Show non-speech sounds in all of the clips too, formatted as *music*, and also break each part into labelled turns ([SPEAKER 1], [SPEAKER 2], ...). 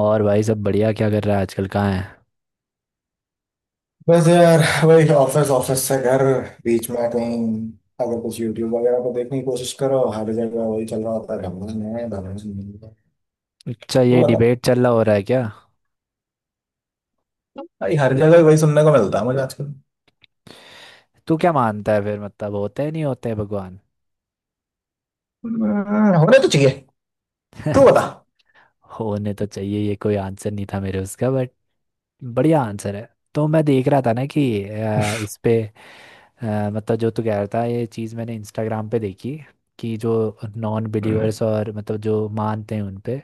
[SPEAKER 1] और भाई, सब बढ़िया? क्या कर रहा है आजकल, कहाँ है?
[SPEAKER 2] बस यार। वही ऑफिस, ऑफिस से घर। बीच में कहीं, अगर कुछ यूट्यूब वगैरह को देखने की कोशिश करो, हर जगह वही चल रहा होता है - भगवान है, भगवान नहीं है।
[SPEAKER 1] अच्छा,
[SPEAKER 2] तू
[SPEAKER 1] ये
[SPEAKER 2] बता।
[SPEAKER 1] डिबेट चल रहा, हो रहा है क्या?
[SPEAKER 2] भाई हर जगह वही सुनने को मिलता है मुझे आजकल।
[SPEAKER 1] तू क्या मानता है फिर? मतलब होते हैं, नहीं होते हैं भगवान?
[SPEAKER 2] होने तो चाहिए। तू
[SPEAKER 1] *laughs*
[SPEAKER 2] बता।
[SPEAKER 1] होने तो चाहिए, ये कोई आंसर नहीं था मेरे उसका, बट बढ़िया आंसर है। तो मैं देख रहा था ना कि इस पे मतलब जो तू कह रहा था, ये चीज़ मैंने इंस्टाग्राम पे देखी, कि जो नॉन
[SPEAKER 2] हम्म।
[SPEAKER 1] बिलीवर्स और मतलब जो मानते हैं उन पे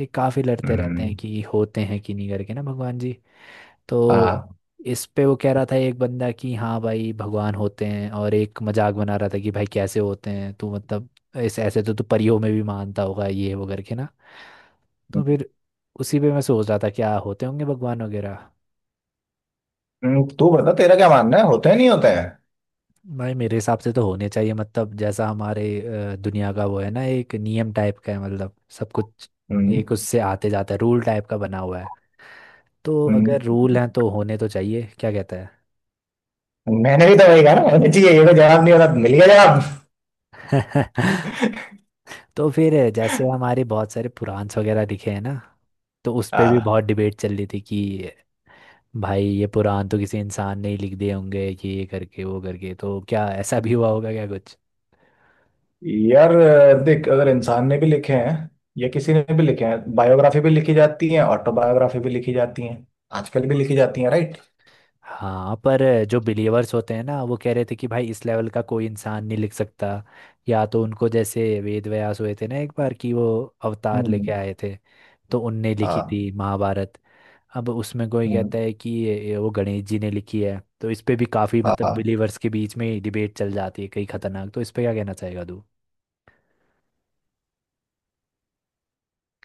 [SPEAKER 1] ये काफ़ी लड़ते रहते हैं
[SPEAKER 2] हम्म।
[SPEAKER 1] कि होते हैं कि नहीं करके ना भगवान जी। तो
[SPEAKER 2] हाँ।
[SPEAKER 1] इस पे वो कह रहा था एक बंदा कि हाँ भाई भगवान होते हैं, और एक मजाक बना रहा था कि भाई कैसे होते हैं तू? मतलब ऐसे ऐसे तो तू परियों में भी मानता होगा ये वो करके ना। तो फिर उसी पे मैं सोच रहा था क्या होते होंगे भगवान वगैरह।
[SPEAKER 2] हम्म। तू बता, तेरा क्या मानना है, होते हैं नहीं होते हैं?
[SPEAKER 1] भाई मेरे हिसाब से तो होने चाहिए, मतलब जैसा हमारे दुनिया का वो है ना, एक नियम टाइप का है, मतलब सब कुछ
[SPEAKER 2] हम्म।
[SPEAKER 1] एक उससे आते जाता है, रूल टाइप का बना हुआ है। तो
[SPEAKER 2] हम्म,
[SPEAKER 1] अगर रूल हैं तो होने तो चाहिए, क्या कहता
[SPEAKER 2] मैंने भी तो वही कहा ना, होने चाहिए ये तो जवाब नहीं होता मिल गया।
[SPEAKER 1] है? *laughs* तो फिर जैसे हमारे बहुत सारे पुराण वगैरह लिखे हैं ना, तो उस पे भी
[SPEAKER 2] जवाब।
[SPEAKER 1] बहुत डिबेट चल रही थी कि भाई ये पुराण तो किसी इंसान ने ही लिख दिए होंगे कि ये करके वो करके, तो क्या ऐसा भी हुआ होगा क्या?
[SPEAKER 2] यार देख, अगर इंसान ने भी लिखे हैं या किसी ने भी लिखे हैं, बायोग्राफी भी लिखी जाती है, ऑटोबायोग्राफी भी लिखी जाती है, आजकल भी लिखी जाती है, राइट।
[SPEAKER 1] हाँ, पर जो बिलीवर्स होते हैं ना वो कह रहे थे कि भाई इस लेवल का कोई इंसान नहीं लिख सकता, या तो उनको जैसे वेद व्यास हुए थे ना एक बार, कि वो अवतार लेके
[SPEAKER 2] हम्म।
[SPEAKER 1] आए थे, तो उनने लिखी
[SPEAKER 2] हाँ।
[SPEAKER 1] थी महाभारत। अब उसमें कोई
[SPEAKER 2] हम्म।
[SPEAKER 1] कहता है कि वो गणेश जी ने लिखी है, तो इस पे भी काफी
[SPEAKER 2] हाँ।
[SPEAKER 1] मतलब
[SPEAKER 2] हाँ।
[SPEAKER 1] बिलीवर्स के बीच में डिबेट चल जाती है, कई खतरनाक। तो इस पे क्या कहना चाहेगा तू?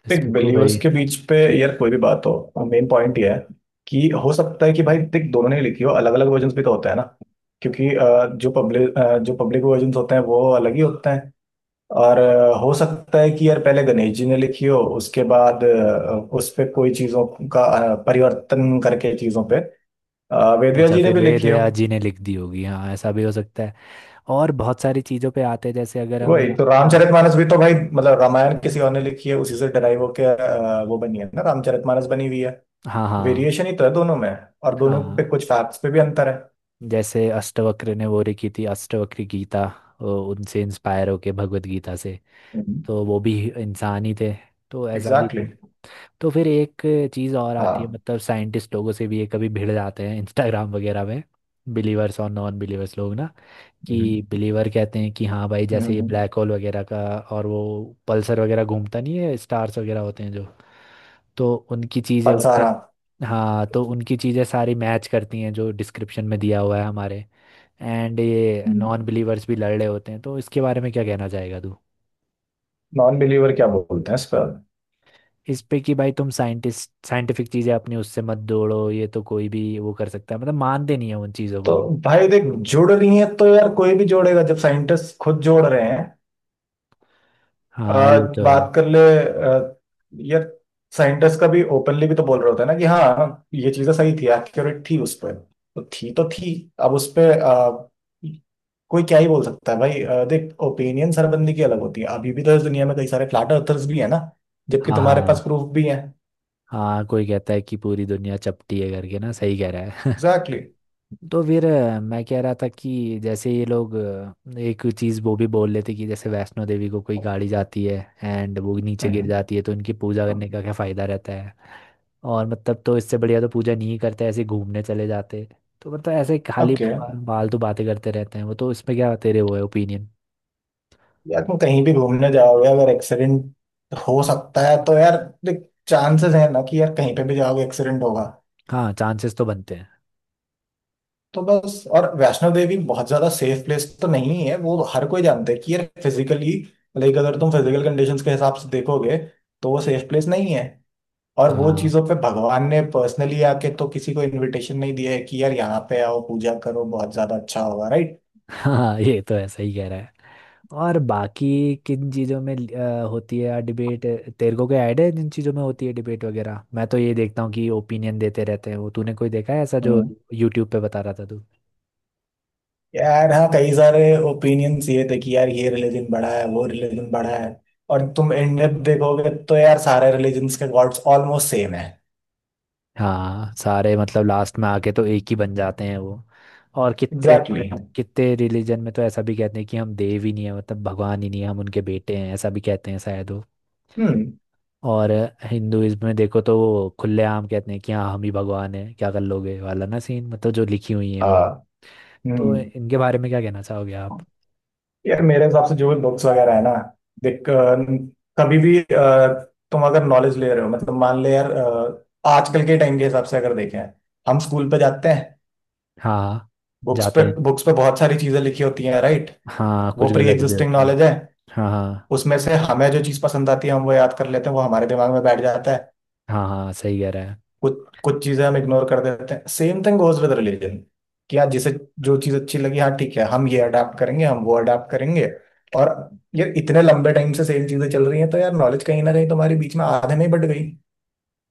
[SPEAKER 1] इस
[SPEAKER 2] देख,
[SPEAKER 1] पे
[SPEAKER 2] बिलीवर्स
[SPEAKER 1] कोई।
[SPEAKER 2] के बीच पे यार कोई भी बात हो, मेन पॉइंट ये है कि हो सकता है कि भाई देख दोनों ने लिखी हो, अलग अलग वर्जन भी तो होता है ना। क्योंकि जो पब्लिक वर्जन होते हैं वो अलग ही होते हैं। और हो सकता है कि यार पहले गणेश जी ने लिखी हो, उसके बाद उस पे कोई चीजों का परिवर्तन करके चीजों पे वेदव्यास
[SPEAKER 1] अच्छा,
[SPEAKER 2] जी ने
[SPEAKER 1] फिर
[SPEAKER 2] भी
[SPEAKER 1] वेद
[SPEAKER 2] लिखी हो।
[SPEAKER 1] व्यास जी ने लिख दी होगी, हाँ ऐसा भी हो सकता है। और बहुत सारी चीजों पे आते हैं, जैसे अगर हम
[SPEAKER 2] वही, तो
[SPEAKER 1] आ,
[SPEAKER 2] रामचरितमानस भी तो भाई, मतलब रामायण किसी और ने लिखी है उसी से डराइव होके वो बनी है ना, रामचरितमानस बनी हुई है।
[SPEAKER 1] हाँ हाँ।
[SPEAKER 2] वेरिएशन ही तो है दोनों में। और दोनों पे
[SPEAKER 1] हाँ
[SPEAKER 2] कुछ फैक्ट्स पे भी अंतर है।
[SPEAKER 1] जैसे अष्टवक्र ने वो लिखी थी, अष्टवक्र गीता, उनसे इंस्पायर होके भगवत गीता से, तो वो भी इंसान ही थे। तो ऐसा भी
[SPEAKER 2] एग्जैक्टली
[SPEAKER 1] था।
[SPEAKER 2] exactly।
[SPEAKER 1] तो फिर एक चीज़ और आती है,
[SPEAKER 2] हाँ।
[SPEAKER 1] मतलब साइंटिस्ट लोगों से भी ये कभी भिड़ जाते हैं इंस्टाग्राम वगैरह में, बिलीवर्स और नॉन बिलीवर्स लोग ना, कि
[SPEAKER 2] हम्म।
[SPEAKER 1] बिलीवर कहते हैं कि हाँ भाई जैसे ये
[SPEAKER 2] हम्म।
[SPEAKER 1] ब्लैक होल वगैरह का और वो पल्सर वगैरह घूमता नहीं है, स्टार्स वगैरह होते हैं जो, तो उनकी चीज़ें मतलब,
[SPEAKER 2] फलसारा।
[SPEAKER 1] हाँ तो उनकी चीज़ें सारी मैच करती हैं जो डिस्क्रिप्शन में दिया हुआ है हमारे। एंड ये नॉन बिलीवर्स भी लड़ रहे होते हैं, तो इसके बारे में क्या कहना चाहेगा तू?
[SPEAKER 2] नॉन बिलीवर क्या बोलते हैं इस पर?
[SPEAKER 1] इस पे कि भाई तुम साइंटिस्ट साइंटिफिक चीज़ें अपनी उससे मत जोड़ो, ये तो कोई भी वो कर सकता है, मतलब मानते नहीं है उन चीज़ों
[SPEAKER 2] तो
[SPEAKER 1] को।
[SPEAKER 2] भाई देख, जुड़ रही हैं तो यार कोई भी जोड़ेगा जब साइंटिस्ट खुद जोड़ रहे हैं।
[SPEAKER 1] हाँ
[SPEAKER 2] आ,
[SPEAKER 1] ये तो है।
[SPEAKER 2] बात कर ले यार, साइंटिस्ट का भी ओपनली भी तो बोल रहा होता है ना कि हाँ ये चीजें सही थी एक्यूरेट थी उस पर। तो थी तो थी। अब उस पे कोई क्या ही बोल सकता है भाई, देख ओपिनियन हर बंदे की अलग होती है। अभी भी तो इस दुनिया में कई सारे फ्लैट अर्थर्स भी है ना, जबकि
[SPEAKER 1] हाँ
[SPEAKER 2] तुम्हारे पास
[SPEAKER 1] हाँ।
[SPEAKER 2] प्रूफ भी है।
[SPEAKER 1] हाँ कोई कहता है कि पूरी दुनिया चपटी है करके ना, सही कह रहा है।
[SPEAKER 2] एग्जैक्टली।
[SPEAKER 1] तो फिर मैं कह रहा था कि जैसे ये लोग एक चीज़ वो भी बोल लेते कि जैसे वैष्णो देवी को कोई गाड़ी जाती है एंड वो नीचे गिर
[SPEAKER 2] हम्म।
[SPEAKER 1] जाती है, तो इनकी पूजा करने का क्या फ़ायदा रहता है और मतलब, तो इससे बढ़िया तो पूजा नहीं करते, ऐसे ही घूमने चले जाते। तो मतलब ऐसे खाली
[SPEAKER 2] ओके।
[SPEAKER 1] फालतू बातें करते रहते हैं वो, तो इसमें क्या तेरे वो है ओपिनियन?
[SPEAKER 2] यार तुम कहीं भी घूमने जाओगे, अगर एक्सीडेंट हो सकता है तो यार देख, चांसेस है ना कि यार कहीं पे भी जाओगे एक्सीडेंट होगा।
[SPEAKER 1] हाँ चांसेस तो बनते हैं।
[SPEAKER 2] तो बस, और वैष्णो देवी बहुत ज्यादा सेफ प्लेस तो नहीं है, वो हर कोई जानता है कि यार फिजिकली, लाइक अगर तुम फिजिकल कंडीशंस के हिसाब से देखोगे, तो वो सेफ प्लेस नहीं है। और वो
[SPEAKER 1] हाँ।
[SPEAKER 2] चीजों पे भगवान ने पर्सनली आके तो किसी को इनविटेशन नहीं दिया है कि यार यहाँ पे आओ पूजा करो बहुत ज्यादा अच्छा होगा।
[SPEAKER 1] हाँ ये तो है, सही कह रहा है। और बाकी किन चीज़ों में होती है डिबेट? तेरे को क्या आइडिया है जिन चीज़ों में होती है डिबेट वगैरह? मैं तो ये देखता हूँ कि ओपिनियन देते रहते हैं वो। तूने कोई देखा है ऐसा जो
[SPEAKER 2] राइट।
[SPEAKER 1] यूट्यूब पे बता रहा था तू?
[SPEAKER 2] यार हाँ कई सारे ओपिनियंस ये थे कि यार ये रिलीजन बड़ा है वो रिलीजन बड़ा है। और तुम एंड अप देखोगे तो यार सारे रिलीजन्स के गॉड्स ऑलमोस्ट सेम है।
[SPEAKER 1] हाँ सारे मतलब लास्ट में आके तो एक ही बन जाते हैं वो। और
[SPEAKER 2] एग्जैक्टली exactly।
[SPEAKER 1] कितने रिलीजन में तो ऐसा भी कहते हैं कि हम देव ही नहीं है, मतलब भगवान ही नहीं है, हम उनके बेटे हैं, ऐसा भी कहते हैं शायद।
[SPEAKER 2] हम्म।
[SPEAKER 1] और हिंदुइज्म में देखो तो वो खुलेआम कहते हैं कि हाँ हम ही भगवान हैं, क्या कर लोगे वाला ना सीन, मतलब जो लिखी हुई है वो।
[SPEAKER 2] हाँ।
[SPEAKER 1] तो
[SPEAKER 2] हम्म।
[SPEAKER 1] इनके बारे में क्या कहना चाहोगे आप?
[SPEAKER 2] यार मेरे हिसाब से जो भी बुक्स वगैरह है ना, देख कभी भी तुम अगर नॉलेज ले रहे हो, मतलब मान ले यार आजकल के टाइम के हिसाब से अगर देखें, हम स्कूल पे जाते हैं,
[SPEAKER 1] हाँ
[SPEAKER 2] बुक्स
[SPEAKER 1] जाते
[SPEAKER 2] पे
[SPEAKER 1] हैं।
[SPEAKER 2] बुक्स पे बहुत सारी चीजें लिखी होती हैं, राइट।
[SPEAKER 1] हाँ
[SPEAKER 2] वो
[SPEAKER 1] कुछ
[SPEAKER 2] प्री
[SPEAKER 1] गलत भी *laughs*
[SPEAKER 2] एग्जिस्टिंग
[SPEAKER 1] होती है।
[SPEAKER 2] नॉलेज है।
[SPEAKER 1] हाँ हाँ।
[SPEAKER 2] उसमें से हमें जो चीज पसंद आती है हम वो याद कर लेते हैं, वो हमारे दिमाग में बैठ जाता है।
[SPEAKER 1] हाँ हाँ, सही कह रहा है।
[SPEAKER 2] कुछ कुछ चीजें हम इग्नोर कर देते हैं। Same thing goes with religion, कि यार जिसे जो चीज अच्छी लगी, हाँ ठीक है, हम ये अडाप्ट करेंगे हम वो अडाप्ट करेंगे। और ये इतने लंबे टाइम से सेम चीजें चल रही हैं तो यार नॉलेज कहीं ना कहीं तुम्हारी बीच में आधे में ही बट गई।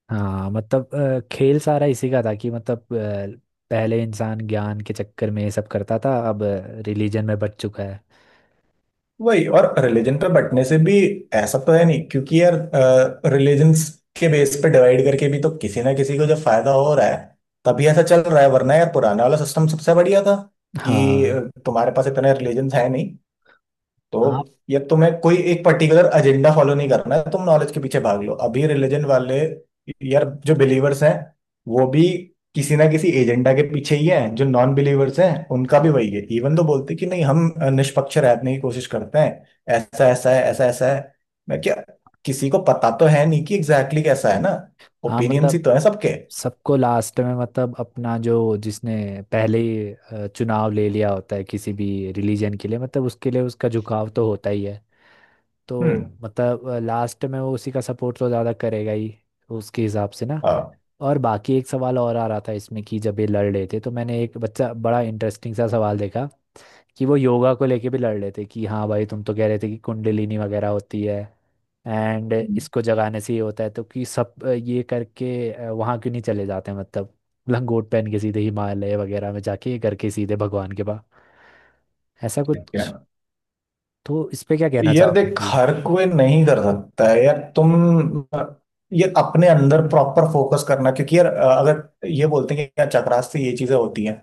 [SPEAKER 1] हाँ मतलब खेल सारा इसी का था कि मतलब पहले इंसान ज्ञान के चक्कर में ये सब करता था, अब रिलीजन में बच चुका है।
[SPEAKER 2] वही, और रिलीजन पे बंटने से भी ऐसा तो है नहीं, क्योंकि यार रिलीजन्स के बेस पे डिवाइड करके भी तो किसी ना किसी को जब फायदा हो रहा है तभी ऐसा चल रहा है। वरना यार पुराना वाला सिस्टम सबसे बढ़िया था, कि
[SPEAKER 1] हाँ।
[SPEAKER 2] तुम्हारे पास इतने रिलीजन्स है नहीं,
[SPEAKER 1] हाँ।
[SPEAKER 2] तो ये तुम्हें कोई एक पर्टिकुलर एजेंडा फॉलो नहीं करना है, तुम नॉलेज के पीछे भाग लो। अभी रिलीजन वाले यार जो बिलीवर्स हैं वो भी किसी ना किसी एजेंडा के पीछे ही हैं, जो नॉन बिलीवर्स हैं उनका भी वही है, इवन तो बोलते कि नहीं हम निष्पक्ष रहने की कोशिश करते हैं। ऐसा ऐसा है, ऐसा ऐसा है। मैं क्या, किसी को पता तो है नहीं कि एग्जैक्टली exactly कैसा है ना।
[SPEAKER 1] हाँ
[SPEAKER 2] ओपिनियंस ही
[SPEAKER 1] मतलब
[SPEAKER 2] तो है सबके।
[SPEAKER 1] सबको लास्ट में, मतलब अपना जो जिसने पहले ही चुनाव ले लिया होता है किसी भी रिलीजन के लिए, मतलब उसके लिए उसका झुकाव तो होता ही है, तो
[SPEAKER 2] हम्म।
[SPEAKER 1] मतलब लास्ट में वो उसी का सपोर्ट तो ज़्यादा करेगा ही, उसके हिसाब से ना।
[SPEAKER 2] हाँ।
[SPEAKER 1] और बाकी एक सवाल और आ रहा था इसमें, कि जब ये लड़ रहे थे तो मैंने एक बच्चा बड़ा इंटरेस्टिंग सा सवाल देखा, कि वो योगा को लेके भी लड़ रहे थे कि हाँ भाई तुम तो कह रहे थे कि कुंडलिनी वगैरह होती है एंड
[SPEAKER 2] हम्म।
[SPEAKER 1] इसको जगाने से ये होता है, तो कि सब ये करके वहाँ क्यों नहीं चले जाते? मतलब लंगोट पहन के सीधे हिमालय वगैरह में जाके ये करके सीधे भगवान के पास, ऐसा
[SPEAKER 2] ठीक
[SPEAKER 1] कुछ।
[SPEAKER 2] है।
[SPEAKER 1] तो इस पे क्या कहना
[SPEAKER 2] यार
[SPEAKER 1] चाहोगे
[SPEAKER 2] देख
[SPEAKER 1] कि?
[SPEAKER 2] हर कोई नहीं कर सकता है यार, तुम ये अपने अंदर प्रॉपर फोकस करना, क्योंकि यार अगर ये बोलते हैं कि यार चक्रास से ये चीजें होती हैं,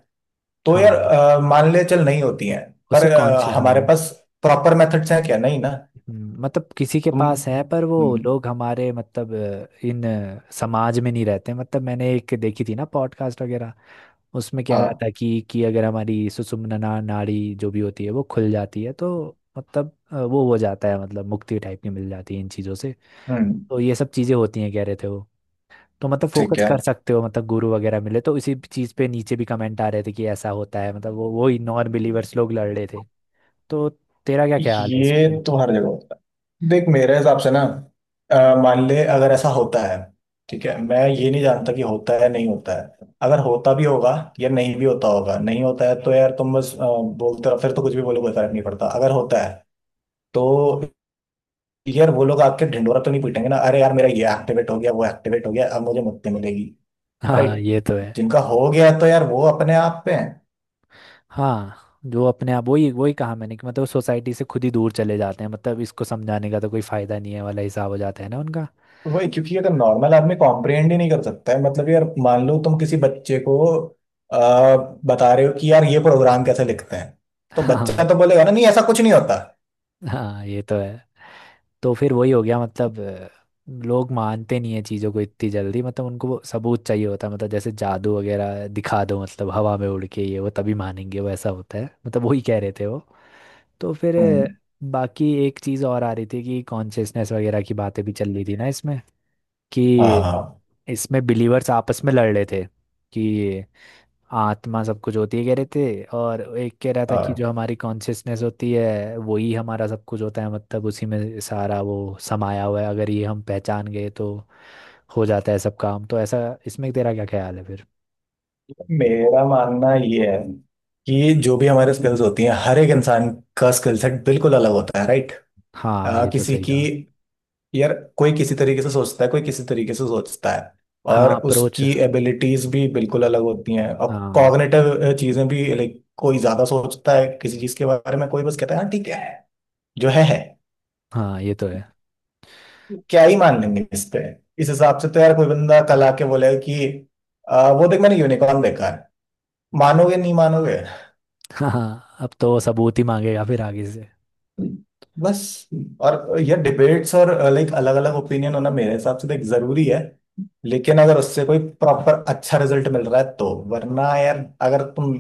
[SPEAKER 2] तो यार
[SPEAKER 1] हाँ,
[SPEAKER 2] मान ले चल नहीं होती हैं,
[SPEAKER 1] उसे
[SPEAKER 2] पर
[SPEAKER 1] कौन से हाँ।
[SPEAKER 2] हमारे पास प्रॉपर मेथड्स हैं क्या? नहीं ना।
[SPEAKER 1] मतलब किसी के
[SPEAKER 2] तुम।
[SPEAKER 1] पास है, पर वो
[SPEAKER 2] हम्म।
[SPEAKER 1] लोग हमारे मतलब इन समाज में नहीं रहते। मतलब मैंने एक देखी थी ना पॉडकास्ट वगैरह, उसमें कह रहा
[SPEAKER 2] हाँ।
[SPEAKER 1] था कि अगर हमारी सुषुम्ना नाड़ी जो भी होती है वो खुल जाती है तो मतलब वो हो जाता है, मतलब मुक्ति टाइप की मिल जाती है इन चीज़ों से,
[SPEAKER 2] हम्म।
[SPEAKER 1] तो ये सब चीज़ें होती हैं कह रहे थे वो। तो मतलब
[SPEAKER 2] ठीक
[SPEAKER 1] फोकस
[SPEAKER 2] है।
[SPEAKER 1] कर सकते हो, मतलब गुरु वगैरह मिले तो, इसी चीज़ पे नीचे भी कमेंट आ रहे थे कि ऐसा होता है, मतलब वो वही नॉन बिलीवर्स लोग लड़ रहे थे। तो तेरा क्या ख्याल है इस पे?
[SPEAKER 2] ये तो हर जगह होता है। देख मेरे हिसाब से ना मान ले अगर ऐसा होता है, ठीक है मैं ये नहीं जानता कि होता है नहीं होता है, अगर होता भी होगा या नहीं भी होता होगा नहीं होता है, तो यार तुम बस बोलते रहो। फिर तो कुछ भी बोलो, कोई फर्क नहीं पड़ता। अगर होता है तो यार वो लोग आके ढिंढोरा तो नहीं पीटेंगे ना, अरे यार मेरा ये एक्टिवेट हो गया वो एक्टिवेट हो गया अब मुझे मुक्ति मिलेगी।
[SPEAKER 1] *laughs* हाँ
[SPEAKER 2] राइट।
[SPEAKER 1] ये तो है।
[SPEAKER 2] जिनका हो गया तो यार वो अपने आप पे है।
[SPEAKER 1] हाँ जो अपने आप, वही वही कहा मैंने कि मतलब सोसाइटी से खुद ही दूर चले जाते हैं, मतलब इसको समझाने का तो कोई फायदा नहीं है वाला हिसाब हो जाता है ना उनका।
[SPEAKER 2] वही, क्योंकि अगर नॉर्मल आदमी कॉम्प्रिहेंड ही नहीं कर सकता है, मतलब यार मान लो तुम किसी बच्चे को आ, बता रहे हो कि यार ये प्रोग्राम कैसे लिखते हैं, तो बच्चा
[SPEAKER 1] हाँ।
[SPEAKER 2] तो बोलेगा ना नहीं ऐसा कुछ नहीं होता।
[SPEAKER 1] हाँ ये तो है। तो फिर वही हो गया, मतलब लोग मानते नहीं है चीज़ों को इतनी जल्दी, मतलब उनको वो सबूत चाहिए होता है, मतलब जैसे जादू वगैरह दिखा दो, मतलब हवा में उड़ के ये वो, तभी मानेंगे वो, ऐसा होता है मतलब, वही कह रहे थे वो। तो फिर
[SPEAKER 2] हम्म।
[SPEAKER 1] बाकी एक चीज़ और आ रही थी कि कॉन्शियसनेस वगैरह की बातें भी चल रही थी ना इसमें,
[SPEAKER 2] हाँ
[SPEAKER 1] कि
[SPEAKER 2] हाँ।
[SPEAKER 1] इसमें बिलीवर्स आपस में लड़ रहे थे कि आत्मा सब कुछ होती है कह रहे थे, और एक कह रहा था कि
[SPEAKER 2] हाँ।
[SPEAKER 1] जो हमारी कॉन्शियसनेस होती है वही हमारा सब कुछ होता है, मतलब उसी में सारा वो समाया हुआ है, अगर ये हम पहचान गए तो हो जाता है सब काम, तो ऐसा। इसमें तेरा क्या ख्याल है फिर?
[SPEAKER 2] मेरा मानना ये है कि जो भी हमारे स्किल्स होती हैं हर एक इंसान का स्किल सेट बिल्कुल अलग होता है, राइट।
[SPEAKER 1] हाँ ये तो
[SPEAKER 2] किसी
[SPEAKER 1] सही
[SPEAKER 2] की,
[SPEAKER 1] कहा।
[SPEAKER 2] यार कोई किसी तरीके से सोचता है कोई किसी तरीके से सोचता है। और
[SPEAKER 1] हाँ अप्रोच।
[SPEAKER 2] उसकी एबिलिटीज भी बिल्कुल अलग होती हैं। अब
[SPEAKER 1] हाँ।
[SPEAKER 2] कॉग्निटिव चीजें भी, लाइक कोई ज्यादा सोचता है किसी चीज के बारे में, कोई बस कहता है हाँ ठीक है, जो है है।
[SPEAKER 1] हाँ ये तो है।
[SPEAKER 2] क्या ही मान लेंगे इस पे। इस हिसाब से तो यार कोई बंदा कल आके बोलेगा कि वो देख मैंने यूनिकॉर्न देखा है", मानोगे नहीं मानोगे?
[SPEAKER 1] *laughs* हाँ अब तो वो सबूत ही मांगेगा फिर आगे से।
[SPEAKER 2] बस। और ये डिबेट्स और लाइक अलग अलग ओपिनियन होना मेरे हिसाब से देख जरूरी है, लेकिन अगर उससे कोई प्रॉपर अच्छा रिजल्ट मिल रहा है तो। वरना यार, अगर तुम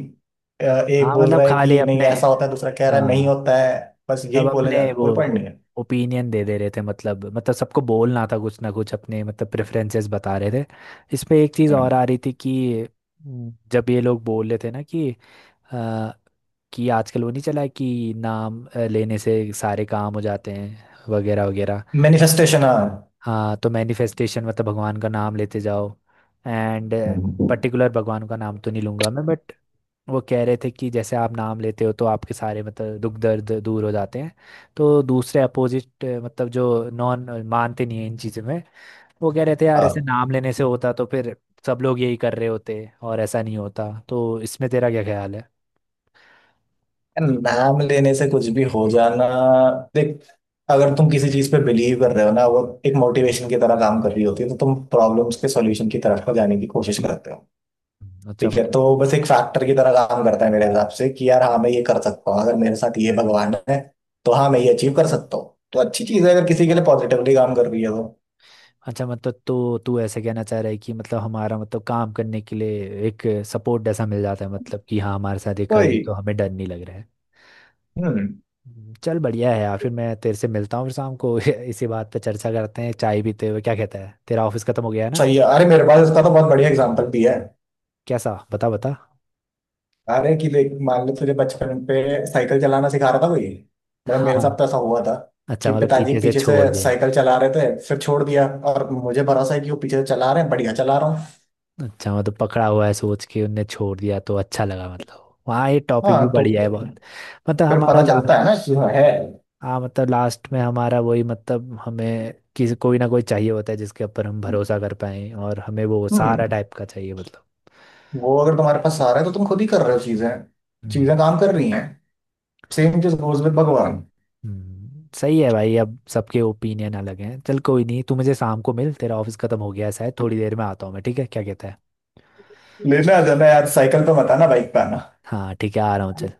[SPEAKER 2] एक
[SPEAKER 1] हाँ
[SPEAKER 2] बोल
[SPEAKER 1] मतलब
[SPEAKER 2] रहा है
[SPEAKER 1] खाली
[SPEAKER 2] कि नहीं
[SPEAKER 1] अपने,
[SPEAKER 2] ऐसा होता है दूसरा कह रहा है नहीं
[SPEAKER 1] हाँ
[SPEAKER 2] होता है, बस
[SPEAKER 1] सब
[SPEAKER 2] यही बोले जा
[SPEAKER 1] अपने
[SPEAKER 2] रहा है,
[SPEAKER 1] वो
[SPEAKER 2] कोई पॉइंट नहीं
[SPEAKER 1] ओपिनियन दे दे रहे थे, मतलब सबको बोलना था कुछ ना कुछ अपने, मतलब प्रेफरेंसेस बता रहे थे। इस पे एक चीज़
[SPEAKER 2] है।
[SPEAKER 1] और आ रही थी कि जब ये लोग बोल रहे थे ना कि अ, कि आजकल वो नहीं चला है कि नाम लेने से सारे काम हो जाते हैं वगैरह वगैरह।
[SPEAKER 2] मैनिफेस्टेशन, हाँ।
[SPEAKER 1] हाँ, तो मैनिफेस्टेशन, मतलब भगवान का नाम लेते जाओ एंड,
[SPEAKER 2] हम्म।
[SPEAKER 1] पर्टिकुलर भगवान का नाम तो नहीं लूंगा मैं बट, वो कह रहे थे कि जैसे आप नाम लेते हो तो आपके सारे मतलब दुख दर्द दूर हो जाते हैं। तो दूसरे अपोजिट मतलब जो नॉन मानते नहीं है इन चीज़ों में, वो कह रहे थे यार ऐसे
[SPEAKER 2] हाँ।
[SPEAKER 1] नाम लेने से होता तो फिर सब लोग यही कर रहे होते, और ऐसा नहीं होता। तो इसमें तेरा क्या ख्याल है?
[SPEAKER 2] यार, नाम लेने से कुछ भी हो जाना, देख अगर तुम किसी चीज पे बिलीव कर रहे हो ना, वो एक मोटिवेशन की तरह काम कर रही होती है, तो तुम प्रॉब्लम्स के सॉल्यूशन की तरफ को जाने की कोशिश करते हो।
[SPEAKER 1] अच्छा
[SPEAKER 2] ठीक है,
[SPEAKER 1] मतलब,
[SPEAKER 2] तो बस एक फैक्टर की तरह काम करता है मेरे हिसाब से, कि यार हाँ मैं ये कर सकता हूँ अगर मेरे साथ ये भगवान है, तो हाँ मैं ये अचीव कर सकता हूँ। तो अच्छी चीज है अगर किसी के लिए पॉजिटिवली काम कर रही है तो।
[SPEAKER 1] अच्छा मतलब तो तू ऐसे कहना चाह रहा है कि मतलब हमारा मतलब काम करने के लिए एक सपोर्ट जैसा मिल जाता है, मतलब कि हाँ हमारे साथ ये खड़े हैं
[SPEAKER 2] वही।
[SPEAKER 1] तो हमें डर नहीं लग रहा है।
[SPEAKER 2] हम्म।
[SPEAKER 1] चल बढ़िया है यार, फिर मैं तेरे से मिलता हूँ फिर शाम को *laughs* इसी बात पे चर्चा करते हैं चाय पीते हुए, क्या कहता है? तेरा ऑफिस खत्म हो गया है ना?
[SPEAKER 2] सही है, अरे मेरे पास इसका तो बहुत बढ़िया एग्जांपल भी है।
[SPEAKER 1] कैसा, बता बता।
[SPEAKER 2] अरे कि देख मान लो तुझे बचपन पे साइकिल चलाना सिखा रहा था कोई, मतलब मेरे साथ
[SPEAKER 1] हाँ।
[SPEAKER 2] तो ऐसा हुआ था
[SPEAKER 1] अच्छा
[SPEAKER 2] कि
[SPEAKER 1] मतलब
[SPEAKER 2] पिताजी
[SPEAKER 1] पीछे से
[SPEAKER 2] पीछे से
[SPEAKER 1] छोड़ दिया।
[SPEAKER 2] साइकिल चला रहे थे फिर छोड़ दिया, और मुझे भरोसा है कि वो पीछे से चला रहे हैं बढ़िया चला रहा हूँ।
[SPEAKER 1] अच्छा मतलब पकड़ा हुआ है सोच के उनने छोड़ दिया तो अच्छा लगा, मतलब वहाँ, ये टॉपिक
[SPEAKER 2] हाँ
[SPEAKER 1] भी
[SPEAKER 2] तो
[SPEAKER 1] बढ़िया है बहुत। मतलब
[SPEAKER 2] फिर
[SPEAKER 1] हमारा
[SPEAKER 2] पता
[SPEAKER 1] ला,
[SPEAKER 2] चलता है ना कि हाँ, है।
[SPEAKER 1] हाँ मतलब लास्ट में हमारा वही, मतलब हमें किसी, कोई ना कोई चाहिए होता है जिसके ऊपर हम भरोसा कर पाए और हमें वो
[SPEAKER 2] हम्म।
[SPEAKER 1] सहारा टाइप का चाहिए मतलब।
[SPEAKER 2] वो अगर तुम्हारे पास सहारा है तो तुम खुद ही कर रहे हो चीजें,
[SPEAKER 1] हम्म।
[SPEAKER 2] चीजें काम कर रही हैं। सेम चीज गोज विद भगवान।
[SPEAKER 1] सही है भाई, अब सबके ओपिनियन अलग हैं, चल कोई नहीं, तू मुझे शाम को मिल, तेरा ऑफिस खत्म हो गया है शायद, थोड़ी देर में आता हूँ मैं, ठीक है क्या कहता है?
[SPEAKER 2] लेने आ जाना यार, साइकिल पे मत आना बाइक पे आना।
[SPEAKER 1] हाँ ठीक है, आ रहा हूँ चल।